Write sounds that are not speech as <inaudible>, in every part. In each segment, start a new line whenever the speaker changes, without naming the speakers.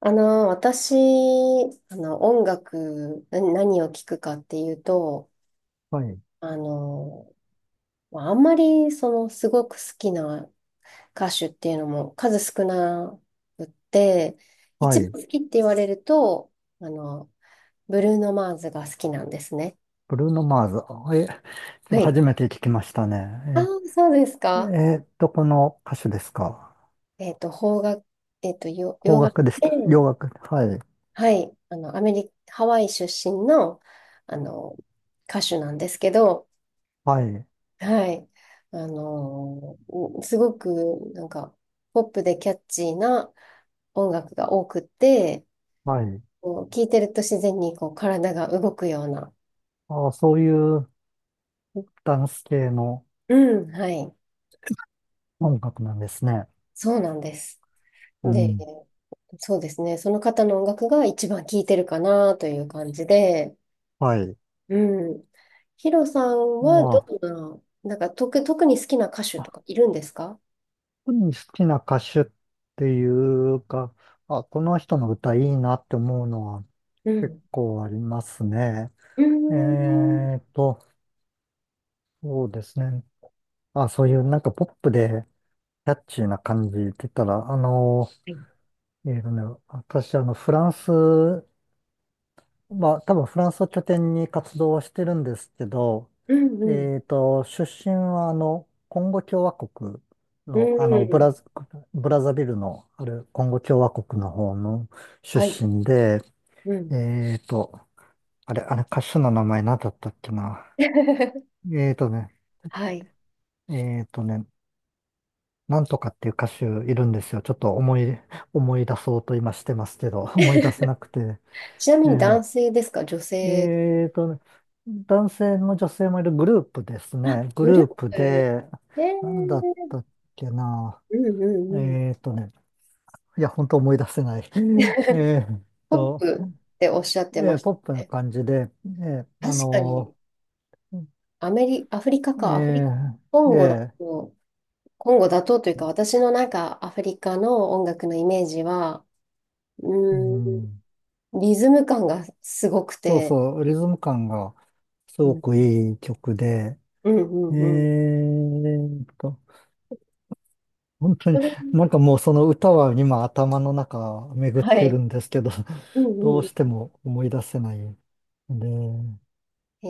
私、音楽、何を聴くかっていうと、
はい。
あの、まああんまり、すごく好きな歌手っていうのも数少なくって、
は
一
い。
番好きって言われると、あの、ブルーノ・マーズが好きなんですね。
ブルーノ・マーズ。え、ちょっ
は
と
い。
初めて聞きました
ああ、
ね。
そうです
え、
か。
この歌手ですか。
邦楽、よ洋
邦
楽
楽でし
で、
た。洋楽。はい。
はい、アメリカ、ハワイ出身の、あの、歌手なんですけど、
はい。
はい。すごくなんかポップでキャッチーな音楽が多くて、
はい。
こう聴いてると自然にこう体が動くような。
ああ、そういうダンス系の
うん、はい。
音楽なんですね。
そうなんです。
う
で、
ん。
そうですね。その方の音楽が一番聴いてるかなという感じで、
はい。
うん。ヒロさんはど
あ
んな、なんか特に好きな歌手
あ、
とかいるんですか？
特に好きな歌手っていうか、あ、この人の歌いいなって思うのは
う
結
ん。
構ありますね。
うー
え
ん。
ーっと、そうですね。あ、そういうなんかポップで、キャッチーな感じって言ったら、
はい。
えーとね、私、フランス、まあ、多分フランスを拠点に活動はしてるんですけど、
うんうん。
出身は、コンゴ共和国
う
の、
ん。
ブラザビルのあるコンゴ共和国の方の出
はい。
身で、
うん。
えーと、あれ、歌手の名前何だったっけな。
<laughs>
えーとね、
はい。
えーとね、なんとかっていう歌手いるんですよ。ちょっと思い、思い出そうと今してますけど、<laughs> 思い出せ
<laughs>
なくて。
ちなみに
え
男性ですか、女
え
性？
えーと、男性も女性もいるグループです
あ、
ね。グ
グル
ル
ー
ー
プ、
プ
え
で、なんだっ
ー、
たっけな。
うんう
え
んうん。
ーとね、いや、本当思い出せない。<laughs> えー
ポッ
と、
プっておっしゃってまし
ポップ
た
な
ね。
感じで、ーあ
確かに、
のー
アフリカ
え
か、アフリ、コ
ー
ンゴだ
えー
と、コンゴだとというか、私のなんかアフリカの音楽のイメージは、う
う
ーん、
ん、
リズム感がすごく
そう
て、
そう、リズム感がす
う
ご
ん
くいい曲で、
うんう
え
んうん。
ーっと、本当に、
それ
なんかもうその歌は今頭の中巡っ
は
てる
い。
んですけど、<laughs>
う
どう
んう
して
ん。
も思い出せないんで、
え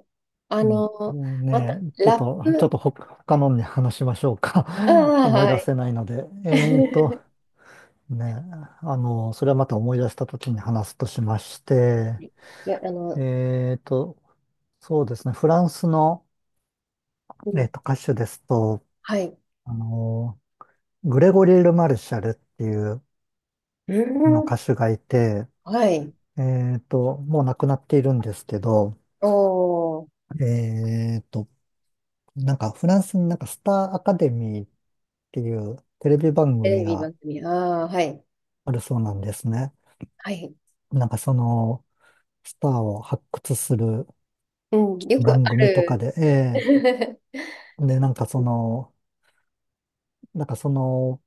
ー、あ
うん、
の、ま
ね
た、
え、ちょっ
ラッ
と、ちょっ
プ、
とほ他のに話しましょうか。
あ
<laughs>
あ、
思い
は
出
い。
せないので。ーっと、
<laughs>
ねえ、それはまた思い出した時に話すとしまして、
いや、
えーっと、そうですね、フランスの、
うん、
歌手ですと、
はい。う
あの、グレゴリー・ル・マルシャルっていう、
ん、
の歌手がいて、
はい。
もう亡くなっているんですけど、
おー、
えっと、なんかフランスになんかスターアカデミーっていうテレビ番
テ
組
レビ
が
番組。ああ、はい。
あるそうなんですね。
はい。
なんかそのスターを発掘する
うん、よくあ
番組とか
る。
で、
<laughs>
で、なんかその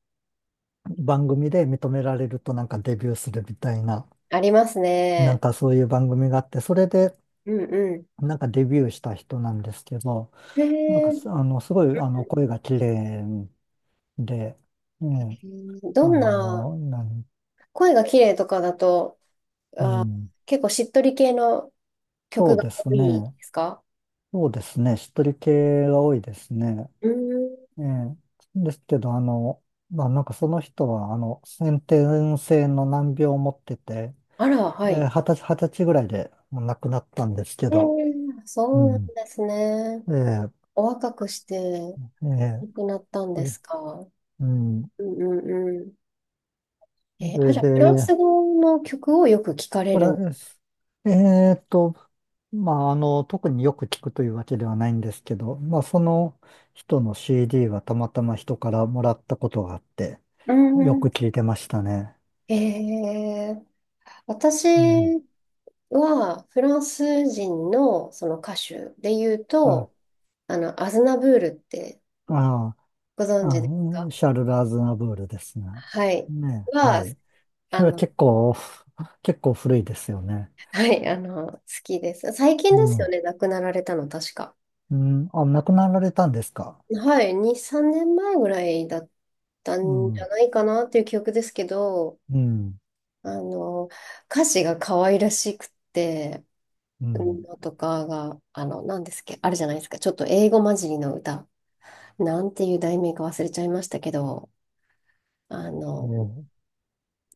番組で認められるとなんかデビューするみたいな、
あります
なん
ね。
かそういう番組があって、それで
うんう
なんかデビューした人なんですけど、
ん。へ
すごい、声が綺麗で、ね、
ー、ど
あ
んな、
の、なん、
声が綺麗とかだと、
う
あー、
ん、
結構しっとり系の
そ
曲
う
が
です
多い
ね。
ですか？
そうですね。しっとり系が多いですね。
うーん。
ええ、ですけど、まあ、なんかその人は、先天性の難病を持ってて、
あら、はい。
で、二十歳ぐらいでもう亡くなったんですけど、う
そうなん
ん。
ですね。
ええ、
お若くして
ええ、
亡くなったん
そ
で
れ
すか？
うん。
うんうんう。え
そ
ーあ、
れ
じゃ
で、
あ、フランス語の曲をよく聞かれ
これ、
るん。ん
えーっと、まあ、特によく聞くというわけではないんですけど、まあ、その人の CD はたまたま人からもらったことがあって、
う
よ
ん。
く
う
聞いてましたね。
ん。私
うん。
はフランス人のその歌手で言う
あ、
と、アズナブールって
あ、
ご存知
あ、
ですか？
シャルル・アズナブールですね。
はい。
ね、は
は、
い。そ
あ
れは
の、
結構、結構古いですよね。
はい、好きです。最近
う
ですよ
ん。
ね、亡くなられたの、確か。
うん。あ、亡くなられたんですか。
はい、2、3年前ぐらいだった
う
んじゃ
ん。
ないかなっていう記憶ですけど、
うん。
あの、歌詞が可愛らしくて、
う
うん
ん。
のとかが、何ですっけ、あるじゃないですか。ちょっと英語混じりの歌。なんていう題名か忘れちゃいましたけど、あの、
うん。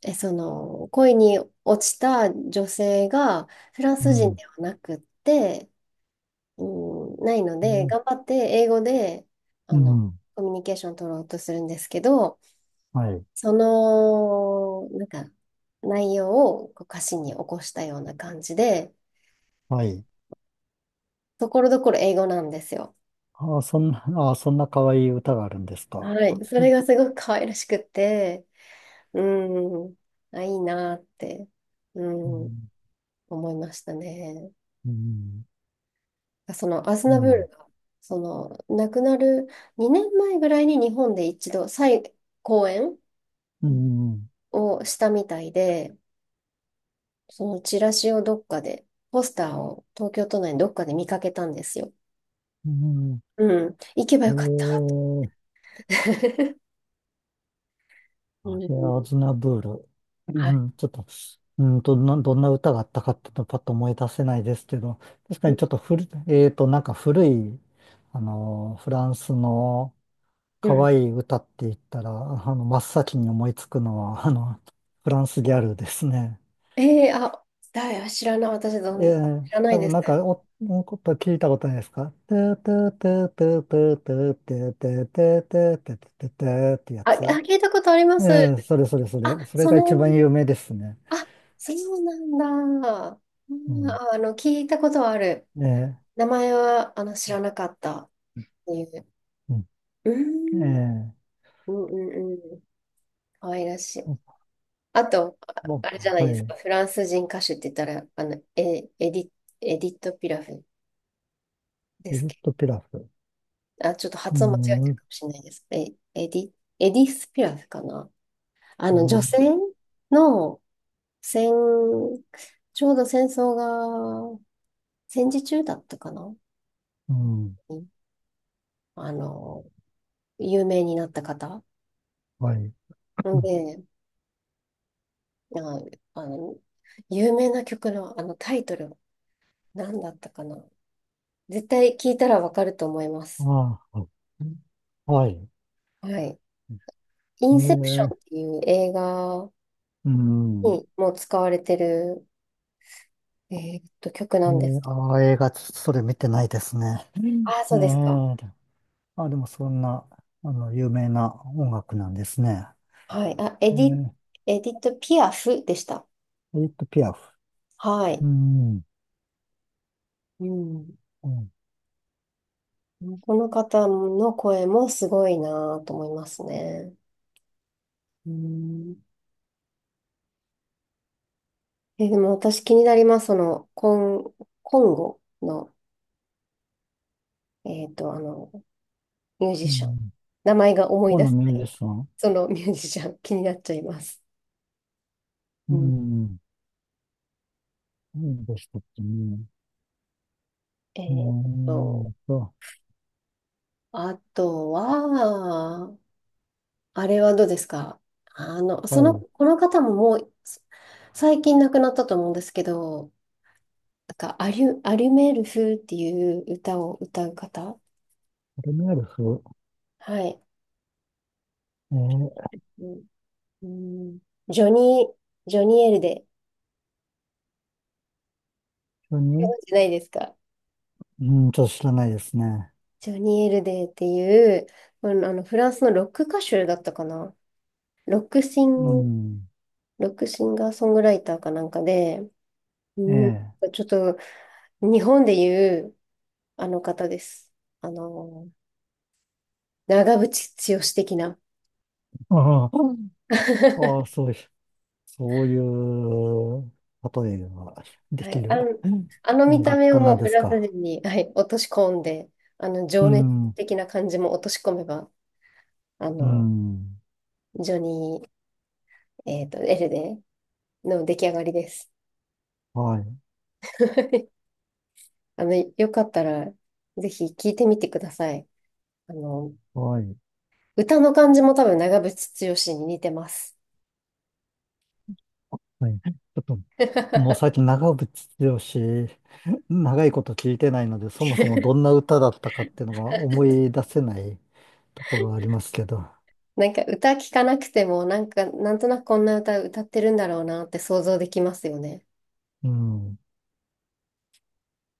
その、恋に落ちた女性がフラン
う
ス人
ん。
ではなくって、うん、ないの
う
で、
ん。
頑張って英語で、あ
う
の、
ん、
コミュニケーション取ろうとするんですけど、
はい。
その、内容をこう歌詞に起こしたような感じで、
はい。
ところどころ英語なんですよ。
ああ、そんな、<laughs> ああ、そんな可愛い歌があるんですか。
はい。そ
う
れ
ん、
がすごく可愛らしくて、うん。あ、いいなって、う
う
ん、
ん、
思いましたね。その、アズ
う
ナブー
ん、
ル
う
が、亡くなる2年前ぐらいに日本で一度、再公演
ん、
をしたみたいで、そのチラシをどっかで、ポスターを東京都内のどっかで見かけたんですよ。
うん、うん、
うん。行けば
え
よかった。
ー、
<laughs> う
あ
ん。
れ、アズナブール。
<laughs> は
う
い。
ん、ちょっと、どんな歌があったかっていうのパッと思い出せないですけど、確かにちょっと古い、なんか古い、フランスの
う
可
ん。
愛い歌って言ったら、真っ先に思いつくのは、フランスギャルですね。
ええ、あ、だい、知らない、私ど
え
ん、
え、
知らない
多
で
分
す。
なんか、お、こと聞いたことないですかてーてーてーてーてーてーてーてーてーてーてーてーてーてーってや
あ、あ、
つ。
聞いたことありま
え
す。
え、それそれそ
あ、
れ。それが一番有名ですね。
あ、そうなんだ。あ、
うん。
聞いたことはある。
ええ、
名前は、知らなかったっていう。
うん。
うー
え
ん、
え、
うんうんうん。可愛らしい。あと、あ
も
あれじゃな
う
い
は
ですか。
い。
フランス人歌手って言ったら、エディット・ピラフで
エ
す
ジプ
け
トピラフ。
ど。あ、ちょっと
う
発音間違えて
ん、
る
う
かもしれないです。エディ、エディス・ピラフかな。あの、女
ん、
性の戦、ちょうど戦争が戦時中だったかな。
うん、
うん。あの、有名になった方。
はい。う
ん
ん、
で、ああの、有名な曲のあのタイトル、何だったかな。絶対聞いたらわかると思います。
ああ、はい。
はい。イ
え
ンセプション
え、
っていう映画
うん。
にも使われてる、曲
え
なんで
え、
すけど。
ああ、映画、それ見てないですね。
ああ、そ
う
うですか。
ん、ええ、あ、でもそんな、有名な音楽なんですね。
はい。あ、エディ、
エ
エディット・ピアフでした。
ディット・ピアフ。
は
う
い。
ん。
うん。
うん。
この方の声もすごいなと思いますね。うん。でも私気になります。その、ン、コンゴの、えっと、あの、ミュー
う
ジシャン。
ん。
名前が思い
オー
出
ナ
せ
ミュ
ない。
ージシャン。
そのミュージシャン、気になっちゃいます。
う
うん。
ん。何でしたっけね。
え
うー
っと、
んと、
あとは、あれはどうですか？
はい。フ
この方ももう、最近亡くなったと思うんですけど、なんか、アリュメール風っていう歌を歌う方。
ェルメールフ。
はい。
えー、
うんうん、ジョニジョニー・エルデ。
一緒
ご
に、
存知ないですか？
うん、ちょっと知らないですね。
ジョニー・エルデっていう、まあの、あのフランスのロック歌手だったかな。ロックシ
う
ン、
ん。
ロックシンガーソングライターかなんかで、
え
うん、
え。
ちょっと日本でいうあの方です。あの、長渕剛的な。
<laughs> ああ、あ
<laughs>
あそういう、そういう、例えがで
は
き
い。
る
あの
音
見た
楽
目を
家な
も
ん
う
で
フ
す
ランス
か。
人に、<laughs> はい、落とし込んで、
う
情熱
ん。
的な感じも落とし込めば、あ
う
の、
ん。
ジョニー、エルデの出来上がりです。
はい、
<laughs> よかったら、ぜひ聞いてみてください。あの、
はい、
歌の感じも多分長渕剛に似てます。
はい。ちょっと、もう最
<laughs>
近長渕剛、長いこと聞いてないので、そもそもどんな歌だったかっていうのが思い出せないところはありますけど。
なんか歌聞かなくても、なんか、なんとなくこんな歌歌ってるんだろうなって想像できますよね。
うん。